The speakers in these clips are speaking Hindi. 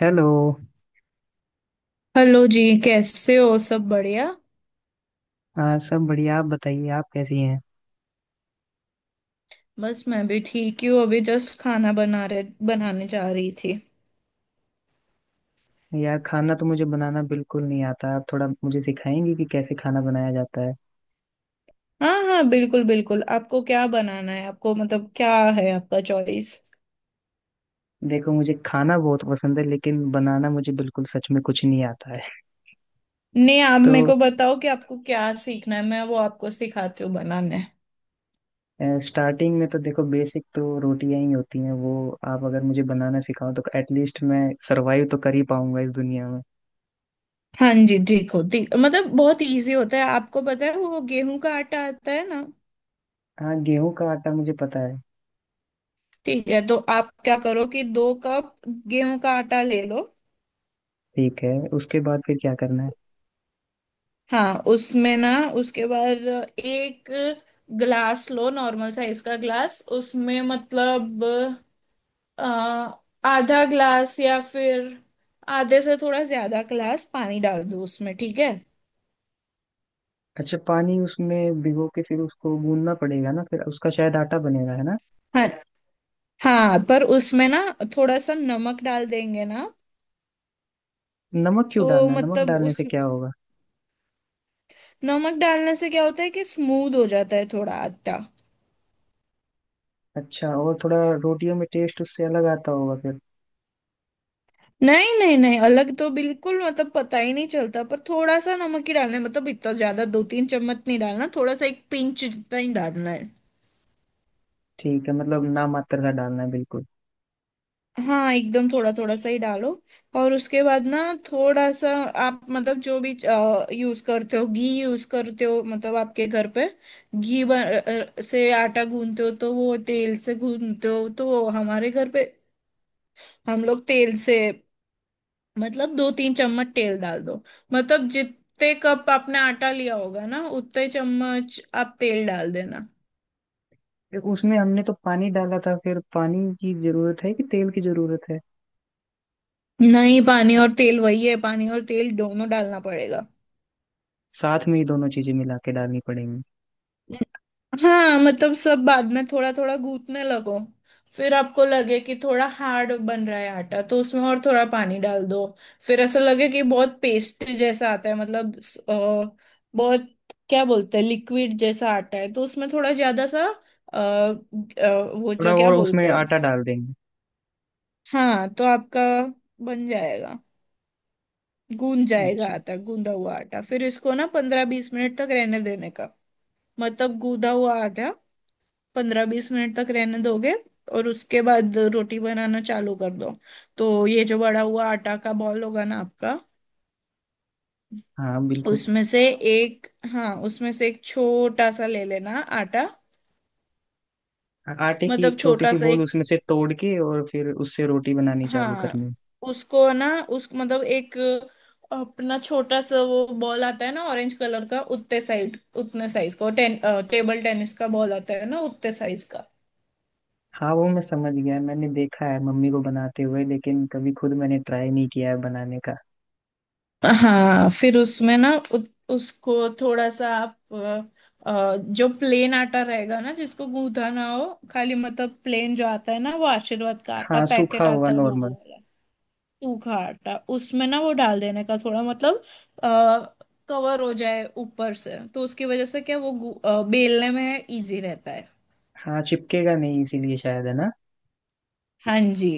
हेलो। हेलो जी। कैसे हो? सब बढ़िया। हाँ सब बढ़िया। आप बताइए, आप कैसी हैं? बस मैं भी ठीक ही हूँ, अभी जस्ट खाना बनाने जा रही थी। यार खाना तो मुझे बनाना बिल्कुल नहीं आता। आप थोड़ा मुझे सिखाएंगे कि कैसे खाना बनाया जाता है? हाँ हाँ, बिल्कुल बिल्कुल। आपको क्या बनाना है? आपको मतलब क्या है, आपका चॉइस। देखो, मुझे खाना बहुत पसंद है, लेकिन बनाना मुझे बिल्कुल, सच में कुछ नहीं आता है। नहीं, आप मेरे तो को बताओ कि आपको क्या सीखना है, मैं वो आपको सिखाती हूँ बनाने। स्टार्टिंग में तो देखो, बेसिक तो रोटियां ही होती हैं वो। आप अगर मुझे बनाना सिखाओ तो एटलीस्ट मैं सरवाइव तो कर ही पाऊंगा इस दुनिया में। हाँ जी ठीक हो, ठीक। मतलब बहुत इजी होता है। आपको पता है वो गेहूं का आटा आता है ना? हाँ गेहूं का आटा मुझे पता है। ठीक है, तो आप क्या करो कि 2 कप गेहूं का आटा ले लो। ठीक है, उसके बाद फिर क्या करना है? हाँ, उसमें ना, उसके बाद एक ग्लास लो, नॉर्मल साइज का ग्लास, उसमें मतलब अ, आधा ग्लास या फिर आधे से थोड़ा ज्यादा ग्लास पानी डाल दो उसमें, ठीक है। अच्छा, पानी उसमें भिगो के फिर उसको गूंदना पड़ेगा ना, फिर उसका शायद आटा बनेगा, है ना? हाँ हाँ, पर उसमें ना थोड़ा सा नमक डाल देंगे ना। नमक क्यों तो डालना है? नमक मतलब डालने उस से क्या होगा? नमक डालने से क्या होता है कि स्मूथ हो जाता है थोड़ा आटा। अच्छा, और थोड़ा रोटियों में टेस्ट उससे अलग आता होगा फिर। नहीं नहीं नहीं, अलग तो बिल्कुल मतलब पता ही नहीं चलता, पर थोड़ा सा नमक ही डालना है, मतलब इतना ज्यादा दो तीन चम्मच नहीं डालना, थोड़ा सा, एक पिंच जितना ही डालना है। ठीक है, मतलब ना मात्र का डालना है बिल्कुल। हाँ, एकदम थोड़ा थोड़ा सा ही डालो। और उसके बाद ना, थोड़ा सा आप मतलब जो भी यूज करते हो, घी यूज करते हो मतलब आपके घर पे घी से आटा गूंथते हो तो वो, तेल से गूंथते हो तो वो। हमारे घर पे हम लोग तेल से, मतलब दो तीन चम्मच तेल डाल दो। मतलब जितने कप आपने आटा लिया होगा ना उतने चम्मच आप तेल डाल देना। फिर उसमें हमने तो पानी डाला था, फिर पानी की जरूरत है कि तेल की जरूरत है? नहीं, पानी और तेल वही है, पानी और तेल दोनों डालना पड़ेगा। साथ में ही दोनों चीजें मिला के डालनी पड़ेंगी? हाँ मतलब सब बाद में थोड़ा थोड़ा गूंथने लगो। फिर आपको लगे कि थोड़ा हार्ड बन रहा है आटा, तो उसमें और थोड़ा पानी डाल दो। फिर ऐसा लगे कि बहुत पेस्ट जैसा आता है मतलब बहुत, क्या बोलते हैं, लिक्विड जैसा आटा है, तो उसमें थोड़ा ज्यादा सा वो, थोड़ा जो क्या और उसमें बोलते हैं। आटा डाल देंगे। हाँ तो आपका बन जाएगा, गूंद जाएगा अच्छा। आटा। गूंदा हुआ आटा फिर इसको ना 15-20 मिनट तक रहने देने का। मतलब गूंदा हुआ आटा 15-20 मिनट तक रहने दोगे, और उसके बाद रोटी बनाना चालू कर दो। तो ये जो बड़ा हुआ आटा का बॉल होगा ना आपका, हाँ बिल्कुल। उसमें से एक, हाँ उसमें से एक छोटा सा ले लेना आटा। आटे की मतलब एक छोटी छोटा सी सा बोल एक, उसमें से तोड़ के और फिर उससे रोटी बनानी चालू हाँ करनी? उसको ना, उस मतलब एक अपना छोटा सा वो बॉल आता है ना, ऑरेंज कलर का, उतने साइड उतने साइज का, टेन टेबल टेनिस का बॉल आता है ना उतने साइज। हाँ वो मैं समझ गया। मैंने देखा है मम्मी को बनाते हुए, लेकिन कभी खुद मैंने ट्राई नहीं किया है बनाने का। हाँ, फिर उसमें ना उसको थोड़ा सा आप जो प्लेन आटा रहेगा ना, जिसको गूंदा ना हो, खाली मतलब प्लेन जो आता है ना, वो आशीर्वाद का आटा हाँ सूखा पैकेट होगा आता है वो नॉर्मल। वाला, सूखा आटा उसमें ना वो डाल देने का थोड़ा, मतलब कवर हो जाए ऊपर से, तो उसकी वजह से क्या, वो बेलने में इजी रहता है। हाँ चिपकेगा नहीं इसीलिए, शायद, है ना? हाँ जी।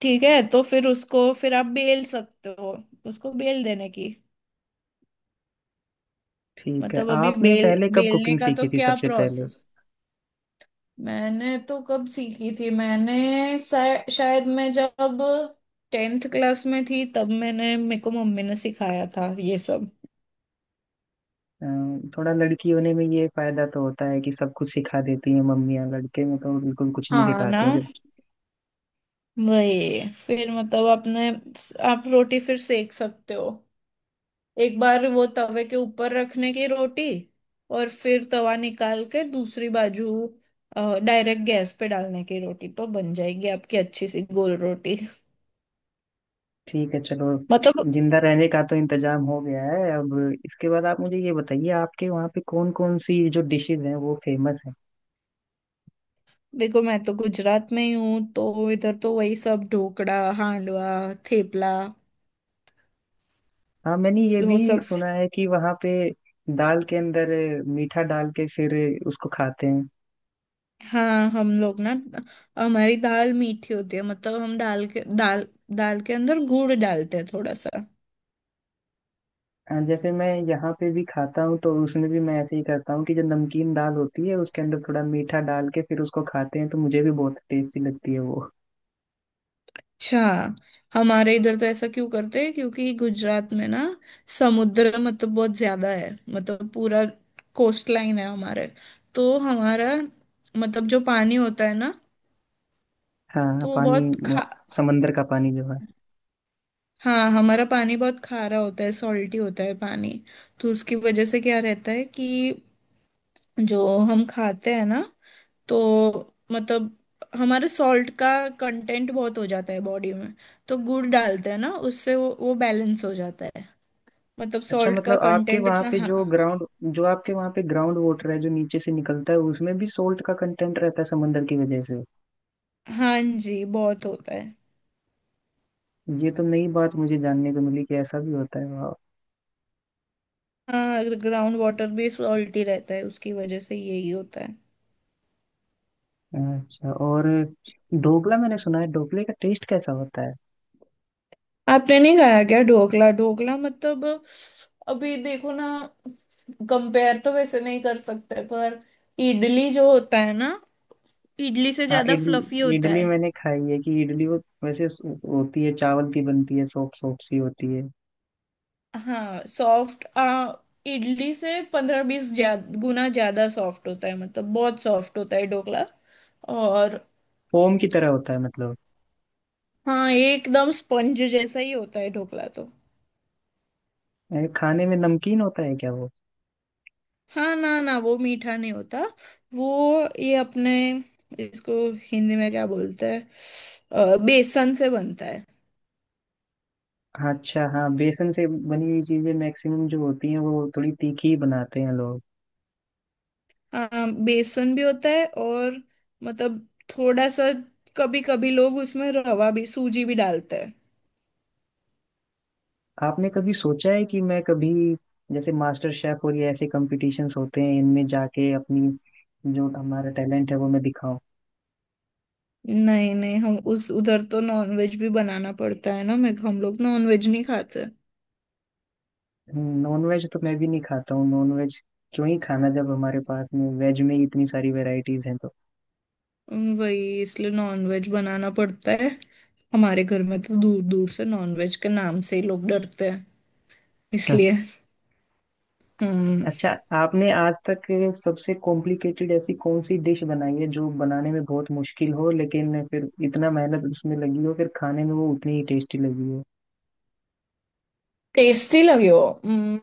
ठीक है, तो फिर उसको फिर आप बेल सकते हो, उसको बेल देने की। ठीक है। मतलब अभी आपने बेल पहले कब बेलने कुकिंग का तो सीखी थी क्या सबसे पहले? प्रोसेस। मैंने तो कब सीखी थी, मैंने शायद मैं जब 10th क्लास में थी तब मैंने, मेरे को मम्मी ने सिखाया था ये सब। थोड़ा लड़की होने में ये फायदा तो होता है कि सब कुछ सिखा देती हैं मम्मियाँ। लड़के में तो बिल्कुल कुछ नहीं हाँ सिखाती हैं ना। जब। वही फिर मतलब आपने आप रोटी फिर सेक सकते हो। एक बार वो तवे के ऊपर रखने की रोटी, और फिर तवा निकाल के दूसरी बाजू डायरेक्ट गैस पे डालने की रोटी, तो बन जाएगी आपकी अच्छी सी गोल रोटी। ठीक है, चलो। मतलब जिंदा रहने का तो इंतजाम हो गया है अब। इसके बाद आप मुझे ये बताइए, आपके वहाँ पे कौन कौन सी जो डिशेज हैं वो फेमस हैं? देखो, मैं तो गुजरात में ही हूँ, तो इधर तो वही सब ढोकड़ा, हांडवा, थेपला, हाँ, मैंने ये वो भी सब। सुना है कि वहाँ पे दाल के अंदर मीठा डाल के फिर उसको खाते हैं। हाँ, हम लोग ना, हमारी दाल मीठी होती है, मतलब हम डाल के दाल, दाल के अंदर गुड़ डालते हैं थोड़ा सा। जैसे मैं यहाँ पे भी खाता हूँ, तो उसमें भी मैं ऐसे ही करता हूँ कि जो नमकीन दाल होती है उसके अंदर थोड़ा मीठा डाल के फिर उसको खाते हैं, तो मुझे भी बहुत टेस्टी लगती है वो। अच्छा। हमारे इधर तो ऐसा क्यों करते हैं क्योंकि गुजरात में ना, समुद्र मतलब बहुत ज्यादा है, मतलब पूरा कोस्ट लाइन है हमारे। तो हमारा मतलब जो पानी होता है ना, हाँ तो वो पानी बहुत खा, समंदर का पानी जो है। हाँ हमारा पानी बहुत खारा होता है, सॉल्टी होता है पानी। तो उसकी वजह से क्या रहता है कि जो हम खाते हैं ना, तो मतलब हमारे सॉल्ट का कंटेंट बहुत हो जाता है बॉडी में। तो गुड़ डालते हैं ना, उससे वो बैलेंस हो जाता है, मतलब अच्छा, सॉल्ट का मतलब आपके कंटेंट वहाँ इतना। पे हाँ, जो ग्राउंड, जो आपके वहाँ पे ग्राउंड वाटर है जो नीचे से निकलता है उसमें भी सोल्ट का कंटेंट रहता है समंदर की वजह से? हाँ जी बहुत होता है। ये तो नई बात मुझे जानने को मिली कि ऐसा भी होता है, वाह। हाँ, ग्राउंड वाटर भी सॉल्टी रहता है, उसकी वजह से यही होता है। अच्छा, और ढोकला, मैंने सुना है, ढोकले का टेस्ट कैसा होता है? आपने नहीं खाया क्या ढोकला? ढोकला मतलब, अभी देखो ना, कंपेयर तो वैसे नहीं कर सकते पर इडली जो होता है ना, इडली से हाँ ज्यादा फ्लफी इडली, होता इडली है। मैंने खाई है। कि इडली वो वैसे होती है चावल की, बनती है, सोप सोप सी होती है। हाँ सॉफ्ट, आ इडली से 15-20 गुना ज्यादा सॉफ्ट होता है, मतलब बहुत सॉफ्ट होता है ढोकला। और फोम की तरह होता है मतलब? हाँ, एकदम स्पंज जैसा ही होता है ढोकला तो। अरे, खाने में नमकीन होता है क्या वो? हाँ ना ना, वो मीठा नहीं होता। वो, ये अपने इसको हिंदी में क्या बोलते हैं, बेसन से बनता है। हाँ, अच्छा, हाँ बेसन से बनी हुई चीजें मैक्सिमम जो होती हैं वो थोड़ी तीखी ही बनाते हैं लोग। हाँ, बेसन भी होता है और मतलब थोड़ा सा कभी कभी लोग उसमें रवा भी, सूजी भी डालते हैं। आपने कभी सोचा है कि मैं कभी, जैसे मास्टर शेफ और ये ऐसे कंपटीशंस होते हैं, इनमें जाके अपनी जो हमारा टैलेंट है वो मैं दिखाऊं? नहीं नहीं, हम उस उधर तो नॉनवेज भी बनाना पड़ता है ना, मैं हम लोग नॉनवेज नहीं खाते। नॉन वेज तो मैं भी नहीं खाता हूँ। नॉन वेज क्यों ही खाना जब हमारे पास में वेज में ही इतनी सारी वेराइटीज हैं तो? वही इसलिए नॉनवेज बनाना पड़ता है। हमारे घर में तो दूर दूर से नॉनवेज के नाम से ही लोग डरते हैं, हम्म। इसलिए। हम्म। अच्छा, आपने आज तक सबसे कॉम्प्लिकेटेड ऐसी कौन सी डिश बनाई है जो बनाने में बहुत मुश्किल हो, लेकिन फिर इतना मेहनत उसमें लगी हो, फिर खाने में वो उतनी ही टेस्टी लगी हो? टेस्टी लगे हो।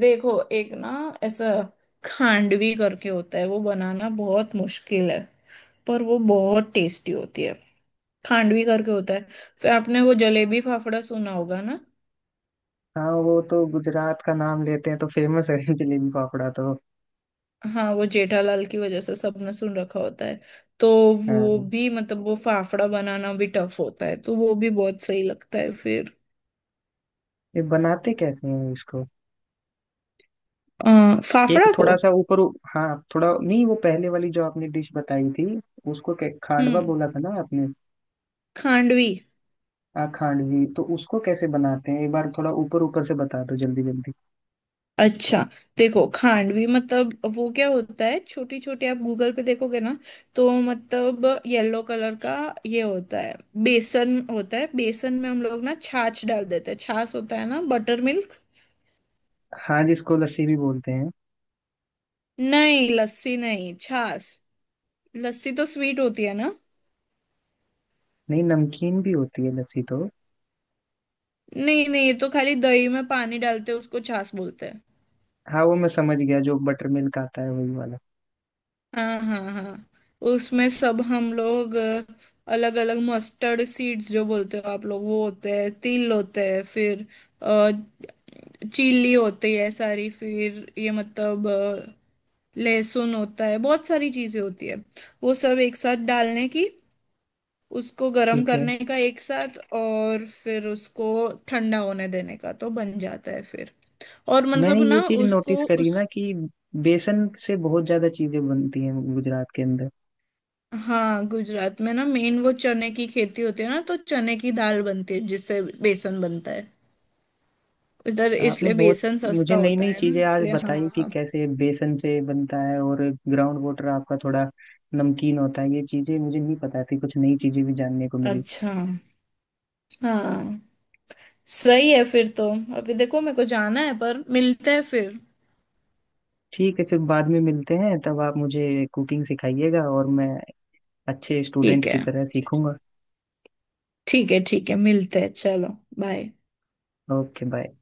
देखो एक ना, ऐसा खांडवी करके होता है, वो बनाना बहुत मुश्किल है, पर वो बहुत टेस्टी होती है। खांडवी करके होता है। फिर आपने वो जलेबी फाफड़ा सुना होगा ना। हाँ वो तो गुजरात का नाम लेते हैं तो फेमस है। जलेबी फाफड़ा तो हाँ, वो जेठालाल की वजह से सबने सुन रखा होता है तो। वो हाँ। भी मतलब वो फाफड़ा बनाना भी टफ होता है, तो वो भी बहुत सही लगता है फिर। ये बनाते कैसे हैं इसको? एक फाफड़ा को। थोड़ा सा ऊपर, हाँ, थोड़ा नहीं, वो पहले वाली जो आपने डिश बताई थी उसको खांडवा हम्म। बोला था ना आपने? खांडवी। हाँ खांडवी, तो उसको कैसे बनाते हैं? एक बार थोड़ा ऊपर ऊपर से बता दो जल्दी जल्दी। अच्छा, देखो खांडवी मतलब वो क्या होता है, छोटी छोटी, आप गूगल पे देखोगे ना, तो मतलब येलो कलर का ये होता है। बेसन होता है, बेसन में हम लोग ना छाछ डाल देते हैं। छाछ होता है ना, बटर मिल्क। हाँ, जिसको लस्सी भी बोलते हैं? नहीं, लस्सी नहीं, छाछ। लस्सी तो स्वीट होती है ना। नहीं, नमकीन भी होती है लस्सी तो। नहीं नहीं, ये तो खाली दही में पानी डालते हैं, उसको छाछ बोलते हैं। हाँ वो मैं समझ गया, जो बटर मिल्क आता है वही वाला। हाँ हाँ हाँ, उसमें सब हम लोग अलग अलग मस्टर्ड सीड्स जो बोलते हो आप लोग वो होते हैं, तिल होते हैं, फिर चिल्ली होती है सारी, फिर ये मतलब लहसुन होता है, बहुत सारी चीजें होती है। वो सब एक साथ डालने की, उसको गर्म ठीक है। करने का एक साथ, और फिर उसको ठंडा होने देने का तो बन जाता है फिर। और मैंने मतलब ये ना चीज नोटिस उसको। करी ना कि बेसन से बहुत ज्यादा चीजें बनती हैं गुजरात के अंदर। हाँ, गुजरात में ना मेन वो चने की खेती होती है ना, तो चने की दाल बनती है जिससे बेसन बनता है। इधर आपने इसलिए बहुत बेसन सस्ता मुझे नई होता नई है ना चीजें आज इसलिए, बताई कि हाँ। कैसे बेसन से बनता है, और ग्राउंड वाटर आपका थोड़ा नमकीन होता है। ये चीजें मुझे नहीं पता थी, कुछ नई चीजें भी जानने को मिली। अच्छा। हाँ सही है फिर तो। अभी देखो मेरे को जाना है, पर मिलते हैं फिर। ठीक है, फिर बाद में मिलते हैं। तब आप मुझे कुकिंग सिखाइएगा और मैं अच्छे स्टूडेंट ठीक की है तरह सीखूंगा। ठीक है ठीक है, मिलते हैं चलो। बाय। Okay, bye.